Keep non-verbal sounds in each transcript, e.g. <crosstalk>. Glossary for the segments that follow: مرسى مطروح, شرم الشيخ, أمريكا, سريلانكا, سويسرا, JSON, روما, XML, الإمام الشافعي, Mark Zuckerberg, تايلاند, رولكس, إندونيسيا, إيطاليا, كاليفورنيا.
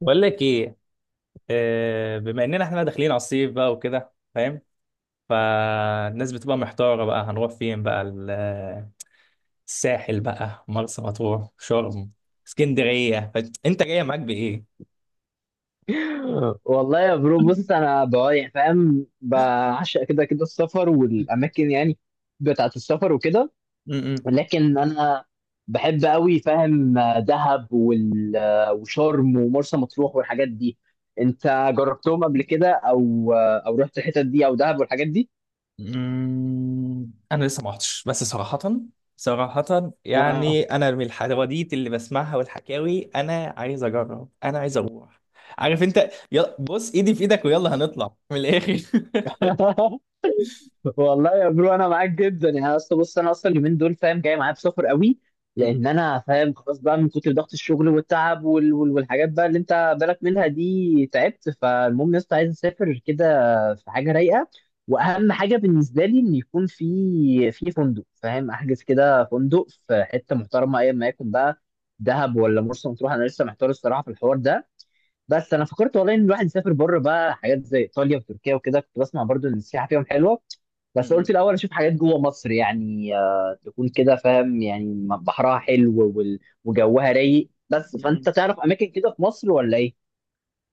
بقول لك ايه. بما اننا احنا داخلين على الصيف بقى وكده، فاهم؟ فالناس بتبقى محتارة بقى، هنروح فين بقى؟ الساحل بقى، مرسى مطروح، شرم، اسكندرية. انت جاية معاك بايه؟ والله يا برو، بص انا بقى يعني فاهم بعشق كده كده السفر والاماكن، يعني بتاعت السفر وكده. م-م. لكن انا بحب قوي فاهم دهب وشرم ومرسى مطروح والحاجات دي. انت جربتهم قبل كده او رحت الحتت دي او دهب والحاجات دي؟ م-م. انا لسه ما رحتش، بس صراحة آه. يعني انا من الحواديت اللي بسمعها والحكاوي، انا عايز اجرب، انا عايز اروح. عارف انت، يلا بص ايدي في ايدك ويلا هنطلع من الاخر. <laughs> والله يا برو انا معاك جدا، يعني اصل بص انا اصلا اليومين دول فاهم جاي معايا بسفر قوي، لان <laughs> انا فاهم خلاص بقى من كتر ضغط الشغل والتعب والحاجات بقى اللي انت بالك منها دي تعبت. فالمهم يا اسطى عايز اسافر كده، في حاجه رايقه. واهم حاجه بالنسبه لي ان يكون في فندق، فاهم، احجز كده فندق في حته محترمه ايا ما يكون بقى، دهب ولا مرسى مطروح، انا لسه محتار الصراحه في الحوار ده. بس انا فكرت والله ان الواحد يسافر بره بقى، حاجات زي ايطاليا وتركيا وكده، كنت بسمع برضو ان السياحه فيهم حلوه. بس قلت م-م. الاول اشوف حاجات جوه مصر، يعني تكون كده فاهم يعني بحرها حلو وجوها رايق. بس فانت م-م. تعرف اماكن كده في مصر ولا ايه؟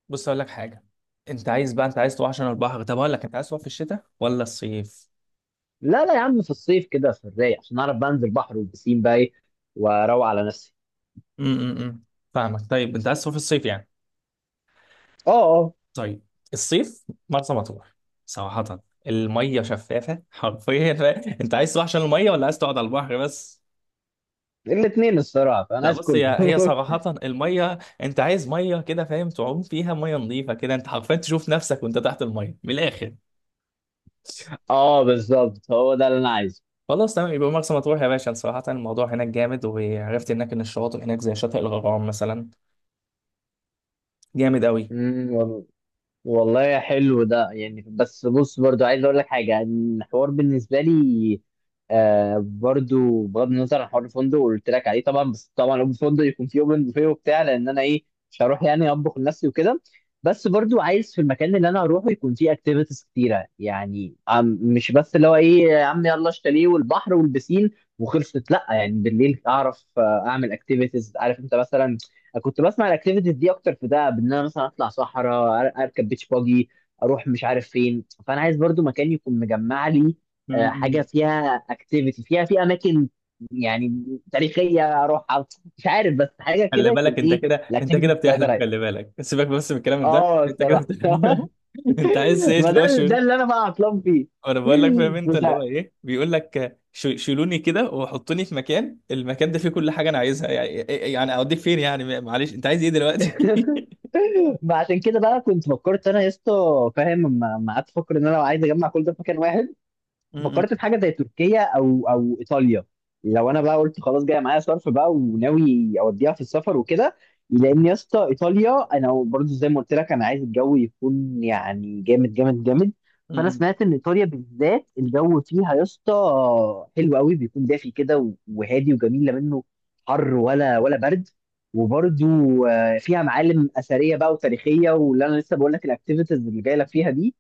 بص اقول لك حاجه. انت عايز تروح عشان البحر؟ طب اقول لك، انت عايز تروح في الشتاء ولا الصيف؟ لا لا يا عم، في الصيف كده في الرايق عشان اعرف بقى انزل بحر والبسين بقى إيه، واروق على نفسي. امم. فاهمك. طيب انت عايز تروح في الصيف يعني. اه اه. طيب. الصيف مرسى مطروح. صراحه الميه شفافه حرفيا. <laughs> انت عايز تروح عشان الميه، ولا عايز تقعد على البحر بس؟ الاثنين الصراحه، فانا لا عايز بص، هي كله. هي <laughs> صراحه الميه، انت عايز ميه كده فاهم، تعوم فيها، ميه نظيفه كده، انت حرفيا تشوف نفسك وانت تحت الميه من الاخر. اه بالظبط، هو ده اللي انا عايزه. خلاص تمام، يبقى مرسى مطروح يا باشا. صراحة الموضوع هناك جامد، وعرفت هناك إن الشواطئ هناك زي شاطئ الغرام مثلا. جامد قوي. والله، والله يا حلو ده يعني. بس بص برضو عايز اقول لك حاجه، الحوار بالنسبه لي برضو بغض النظر عن حوار الفندق اللي قلت لك عليه طبعا، بس طبعا الفندق يكون فيه اوبن بوفيه وبتاع، لان انا ايه، مش هروح يعني اطبخ لنفسي وكده. بس برضو عايز في المكان اللي انا هروحه يكون فيه اكتيفيتيز كتيره، يعني مش بس اللي هو ايه يا عم يلا الشاليه والبحر والبسين وخلصت، لا يعني بالليل اعرف اعمل اكتيفيتيز، عارف انت، مثلا كنت بسمع الاكتيفيتيز دي اكتر في دهب، ان انا مثلا اطلع صحراء اركب بيتش باجي، اروح مش عارف فين. فانا عايز برضو مكان يكون مجمع لي حاجه م-م. فيها اكتيفيتي، فيها في اماكن يعني تاريخيه اروح، مش عارف، بس حاجه خلي كده يكون بالك، انت ايه. كده انت الاكتيفيتي كده بتاعتي بتحلم. رايقه، خلي بالك، سيبك بس من الكلام ده، اه انت كده الصراحه. <laughs> بتحلم. <laughs> انت عايز تعيش ما اللي ده هو ده شيل. اللي انا بقى عطلان فيه. وانا بقول لك <laughs> فاهم انت، مش اللي هو ع- ايه، بيقول لك شيلوني كده وحطوني في مكان، المكان ده فيه كل حاجه انا عايزها يعني. يعني اوديك فين يعني، معلش انت عايز ايه دلوقتي؟ <laughs> ما عشان كده بقى كنت فكرت انا يا اسطى، فاهم لما قعدت افكر ان انا لو عايز اجمع كل ده في مكان واحد، م-م. فكرت في حاجه زي تركيا او ايطاليا. لو انا بقى قلت خلاص، جاي معايا صرف بقى وناوي اوديها في السفر وكده. لان يا اسطى ايطاليا انا برضو زي ما قلت لك، انا عايز الجو يكون يعني جامد جامد جامد. فانا م-م. سمعت ان ايطاليا بالذات الجو فيها يا اسطى حلو قوي، بيكون دافي كده وهادي وجميل، لا منه حر ولا برد. وبرضو فيها معالم اثريه بقى وتاريخيه، واللي انا لسه بقول لك الاكتيفيتيز اللي جايه لك فيها دي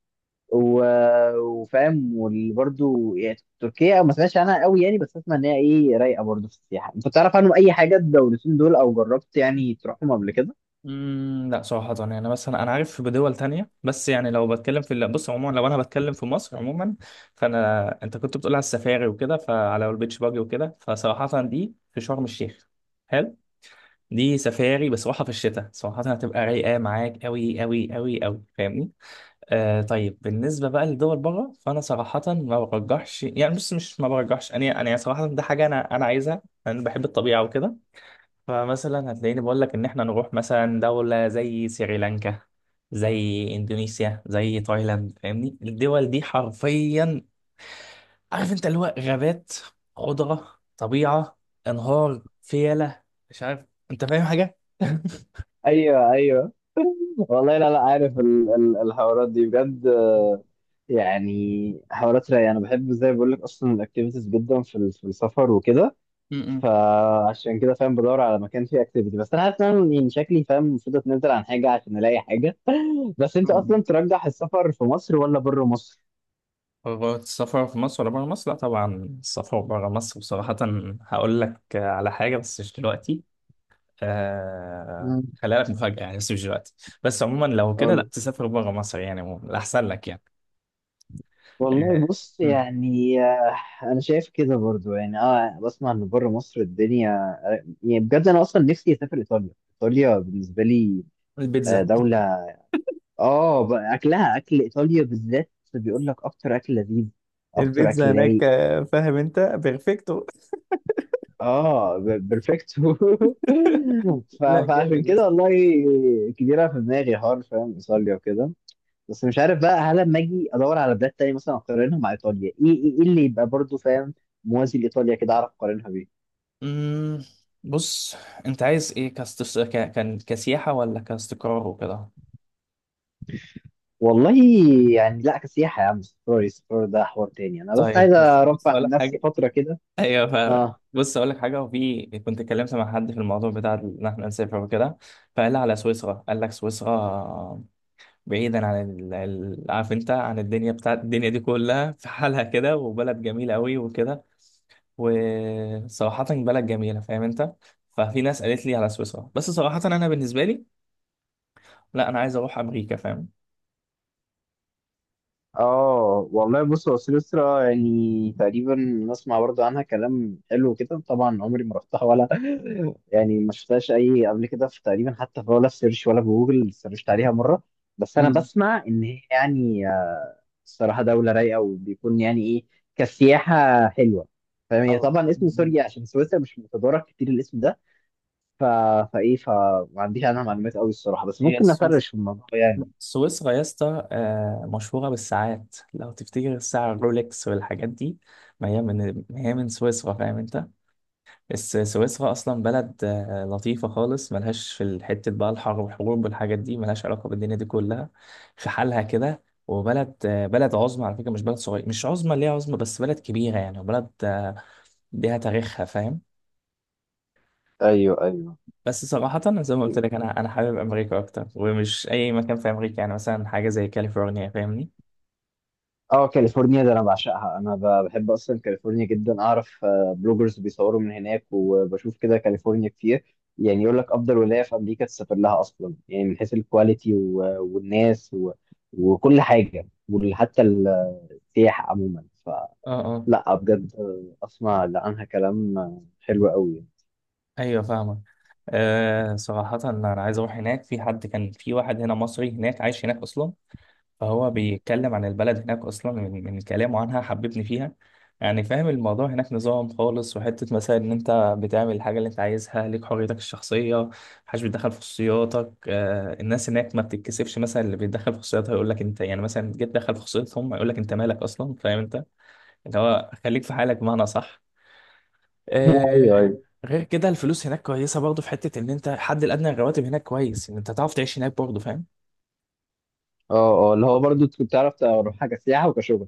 وفاهم. وبرده يعني تركيا ما سمعتش عنها قوي يعني، بس اسمع ان هي ايه رايقه برضه في السياحه. انت تعرف عنهم اي حاجه الدولتين دول، او جربت يعني تروحهم قبل كده؟ مم، لا صراحة يعني، مثلا أنا عارف بدول تانية، بس يعني لو بتكلم في بص عموما، لو أنا بتكلم في مصر عموما، أنت كنت بتقول على السفاري وكده، فعلى البيتش باجي وكده، فصراحة دي في شرم الشيخ. حلو. دي سفاري بس راحة، في الشتاء صراحة هتبقى رايقة معاك أوي أوي أوي أوي، فاهمني؟ آه، طيب بالنسبة بقى لدول بره، فأنا صراحة ما برجحش يعني، بص مش ما برجحش، أنا صراحة ده حاجة أنا عايزها. أنا بحب الطبيعة وكده. فمثلا هتلاقيني بقول لك ان احنا نروح مثلا دولة زي سريلانكا، زي اندونيسيا، زي تايلاند، فاهمني؟ الدول دي حرفيا، عارف انت، اللي هو غابات، خضرة، طبيعة، انهار، فيلة، مش عارف، انت فاهم حاجة؟ <laughs> ايوه ايوه. والله لا لا، عارف ال الحوارات دي بجد يعني حوارات رايقه. انا بحب زي ما بقول لك اصلا الاكتيفيتيز جدا في في السفر وكده، م- فعشان كده فاهم بدور على مكان فيه اكتيفيتي. بس انا عارف ان أنا يعني شكلي فاهم المفروض اتنزل عن حاجه عشان الاقي حاجه. بس انت م. اصلا ترجح السفر في مصر ولا بره مصر؟ قررت السفر في مصر ولا بره مصر؟ لا طبعا، السفر بره مصر. بصراحة هقول لك على حاجة بس مش دلوقتي، آه خليها لك مفاجأة يعني، بس مش دلوقتي. بس عموما لو كده، لا قول. تسافر بره مصر يعني، عموما الأحسن لك يعني. آه. والله بص مم. يعني انا شايف كده برضو يعني، اه بسمع ان بره مصر الدنيا يعني بجد. انا اصلا نفسي اسافر ايطاليا، ايطاليا بالنسبه لي البيتزا. دوله، اه اكلها، اكل ايطاليا بالذات بيقول لك اكتر اكل لذيذ، اكتر البيتزا اكل هناك رايق. فاهم انت، بيرفكتو. اه بيرفكتو. <laughs> <laughs> لا فعشان جامد يا كده اسطى. والله كبيره في دماغي، حوار فاهم ايطاليا وكده. بس مش عارف بقى هل لما اجي ادور على بلاد تانية مثلا اقارنها مع ايطاليا، ايه ايه إيه اللي يبقى برضو فاهم موازي لايطاليا كده اعرف اقارنها بيه. مم. بص أنت عايز إيه كاست... ك... كان كسياحة ولا كاستقرار وكده؟ والله يعني لا كسياحه يا عم، سفري سفر ده حوار تاني، انا بس طيب عايز بس بص ارفع أقول عن لك نفسي حاجة. فتره كده. أيوه فاهم. اه بص أقول لك حاجة، وفي كنت اتكلمت مع حد في الموضوع بتاع إن إحنا نسافر وكده، فقال لي على سويسرا. قال لك سويسرا؟ بعيدا عن عارف انت، عن الدنيا بتاعت الدنيا دي كلها، في حالها كده، وبلد جميلة قوي وكده، وصراحة بلد جميلة فاهم انت. ففي ناس قالت لي على سويسرا، بس صراحة انا بالنسبة لي لا، انا عايز اروح امريكا فاهم. اه. والله بص هو سويسرا يعني تقريبا نسمع برضو عنها كلام حلو كده. طبعا عمري ما رحتها، ولا يعني ما شفتهاش اي قبل كده، في تقريبا حتى في ولا في سيرش ولا في جوجل سيرشت عليها مره. بس انا مم. بسمع ان هي يعني الصراحه دوله رايقه، وبيكون يعني ايه كسياحه حلوه فاهم. هي أو- طبعا اسم مم. سوريا عشان سويسرا مش متدارك كتير الاسم ده. ف... فايه، فما عنديش عنها معلومات قوي الصراحه، بس هي ممكن نفرش في الموضوع يعني. سويسرا يا اسطى مشهورة بالساعات، لو تفتكر الساعة الرولكس والحاجات دي، ما هي من سويسرا، فاهم انت. سويسرا أصلا بلد لطيفة خالص، ملهاش في الحتة بقى الحرب والحروب والحاجات دي، ملهاش علاقة بالدنيا دي كلها، في حالها كده. وبلد بلد عظمى على فكرة، مش بلد صغير، مش عظمى ليها عظمى، بس بلد كبيرة يعني، وبلد ليها تاريخها، فاهم. ايوه ايوه. بس صراحة زي ما قلت لك، أنا حابب أمريكا أكتر، ومش أي مكان في أمريكا يعني، مثلا حاجة زي كاليفورنيا، فاهمني؟ اه كاليفورنيا ده انا بعشقها. انا بحب اصلا كاليفورنيا جدا. اعرف بلوجرز بيصوروا من هناك، وبشوف كده كاليفورنيا كتير، يعني يقول لك افضل ولايه في امريكا تسافر لها اصلا، يعني من حيث الكواليتي والناس وكل حاجه، وحتى السياحه عموما. اه اه. فلا بجد اسمع عنها كلام حلو قوي. ايوه فاهمك. آه صراحة أنا عايز أروح هناك، في حد كان في واحد هنا مصري هناك عايش هناك أصلا. فهو بيتكلم عن البلد هناك اصلا، من كلامه عنها حببني فيها يعني. فاهم، الموضوع هناك نظام خالص، وحته مثلا ان انت بتعمل الحاجه اللي انت عايزها، ليك حريتك الشخصيه، محدش بيتدخل في خصوصياتك. آه، الناس هناك ما بتتكسفش، مثلا اللي بيتدخل في خصوصياتها يقول لك انت يعني مثلا جيت تدخل في خصوصيتهم، يقول لك انت مالك اصلا، فاهم انت، اللي هو خليك في حالك بمعنى، صح؟ ايوه آه. ايوه. غير كده، الفلوس هناك كويسه برضه، في حته ان انت الحد الادنى للرواتب هناك كويس، ان انت تعرف تعيش هناك برضه، فاهم. اه اه، اللي هو برضو كنت تعرف تروح حاجه سياحه وكشغل،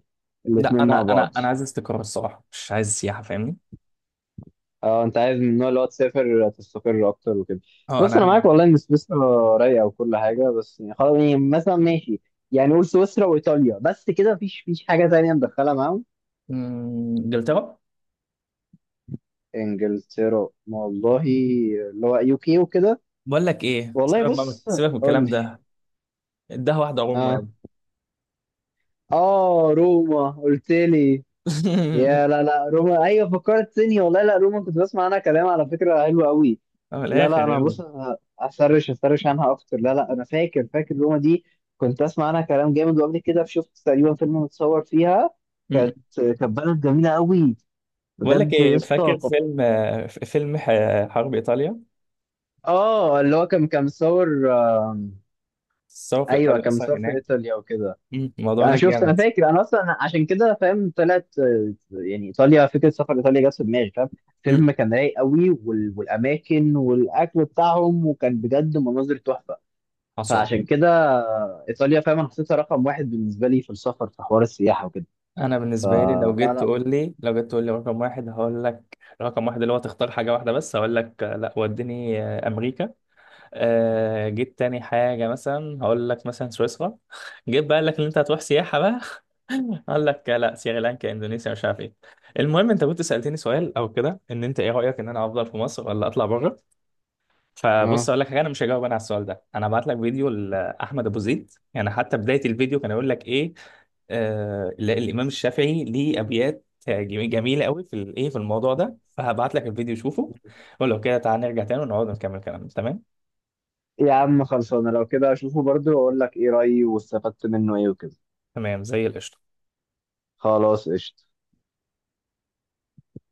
لا الاتنين مع انا انا بعض. انا عايز استقرار الصراحه، مش عايز سياحه فاهمني. اه انت عايز من النوع اللي هو تسافر تستقر اكتر وكده. اه انا بص انا عارف. معاك والله ان سويسرا رايقه وكل حاجه، بس يعني خلاص يعني مثلا ماشي، يعني قول سويسرا وايطاليا بس كده، مفيش حاجه تانية ندخلها معاهم؟ مم، انجلترا. انجلترا؟ والله، اللي هو UK وكده. بقول لك ايه، والله سيبك بقى بص، سيبك من قول الكلام لي. ده. اداها واحده روما اه. يابا. اه روما قلت لي؟ يا <laughs> لا لا روما، ايوه فكرتني والله، لا روما كنت بسمع عنها كلام على فكره حلو قوي. اه، من لا لا الاخر انا يابا. بص، انا اسرش، اسرش عنها اكتر. لا لا انا فاكر، فاكر روما دي، كنت اسمع عنها كلام جامد. وقبل كده شفت تقريبا فيلم متصور فيها. مم. كانت بلد جميله قوي بقول بجد لك يا ايه، اسطى، فاكر كانت- فيلم فيلم حرب ايطاليا، اه اللي هو كان مصور الثوره في ايوه ايطاليا كان اصلا مصور في هناك؟ ايطاليا وكده. مم. الموضوع انا هناك شفت، انا جامد. فاكر، انا اصلا عشان كده فاهم طلعت يعني ايطاليا، فكره سفر ايطاليا جت في دماغي فاهم. مم. فيلم كان رايق قوي والاماكن والاكل بتاعهم، وكان بجد مناظر تحفه. حصل. فعشان كده ايطاليا فاهم، انا حطيتها رقم واحد بالنسبه لي في السفر في حوار السياحه وكده. انا بالنسبه لي لو فلا جيت لا. تقول لي، رقم واحد، هقول لك رقم واحد اللي هو تختار حاجه واحده بس، هقول لك لا وديني امريكا. آه جيت تاني حاجة مثلا، هقول لك مثلا سويسرا. <laughs> جيت بقى لك ان انت هتروح سياحة بقى، <laughs> اقول لك لا سريلانكا اندونيسيا، مش عارف ايه. المهم انت كنت سألتني سؤال او كده، ان انت ايه رأيك ان انا افضل في مصر ولا اطلع بره؟ فبص اه اقول لك حاجة، انا مش هجاوب انا على السؤال ده، انا هبعت لك فيديو لاحمد ابو زيد، يعني حتى بداية الفيديو كان يقول لك ايه، آه لا، الامام الشافعي ليه ابيات جميلة قوي في الايه في الموضوع ده، فهبعت لك الفيديو شوفه، ولو كده تعالى نرجع تاني ونقعد نكمل كلامنا، تمام؟ يا عم خلصانه، لو كده اشوفه برضو واقول لك ايه رايي، واستفدت منه ايه وكده. تمام زي القشطة. خلاص قشطه.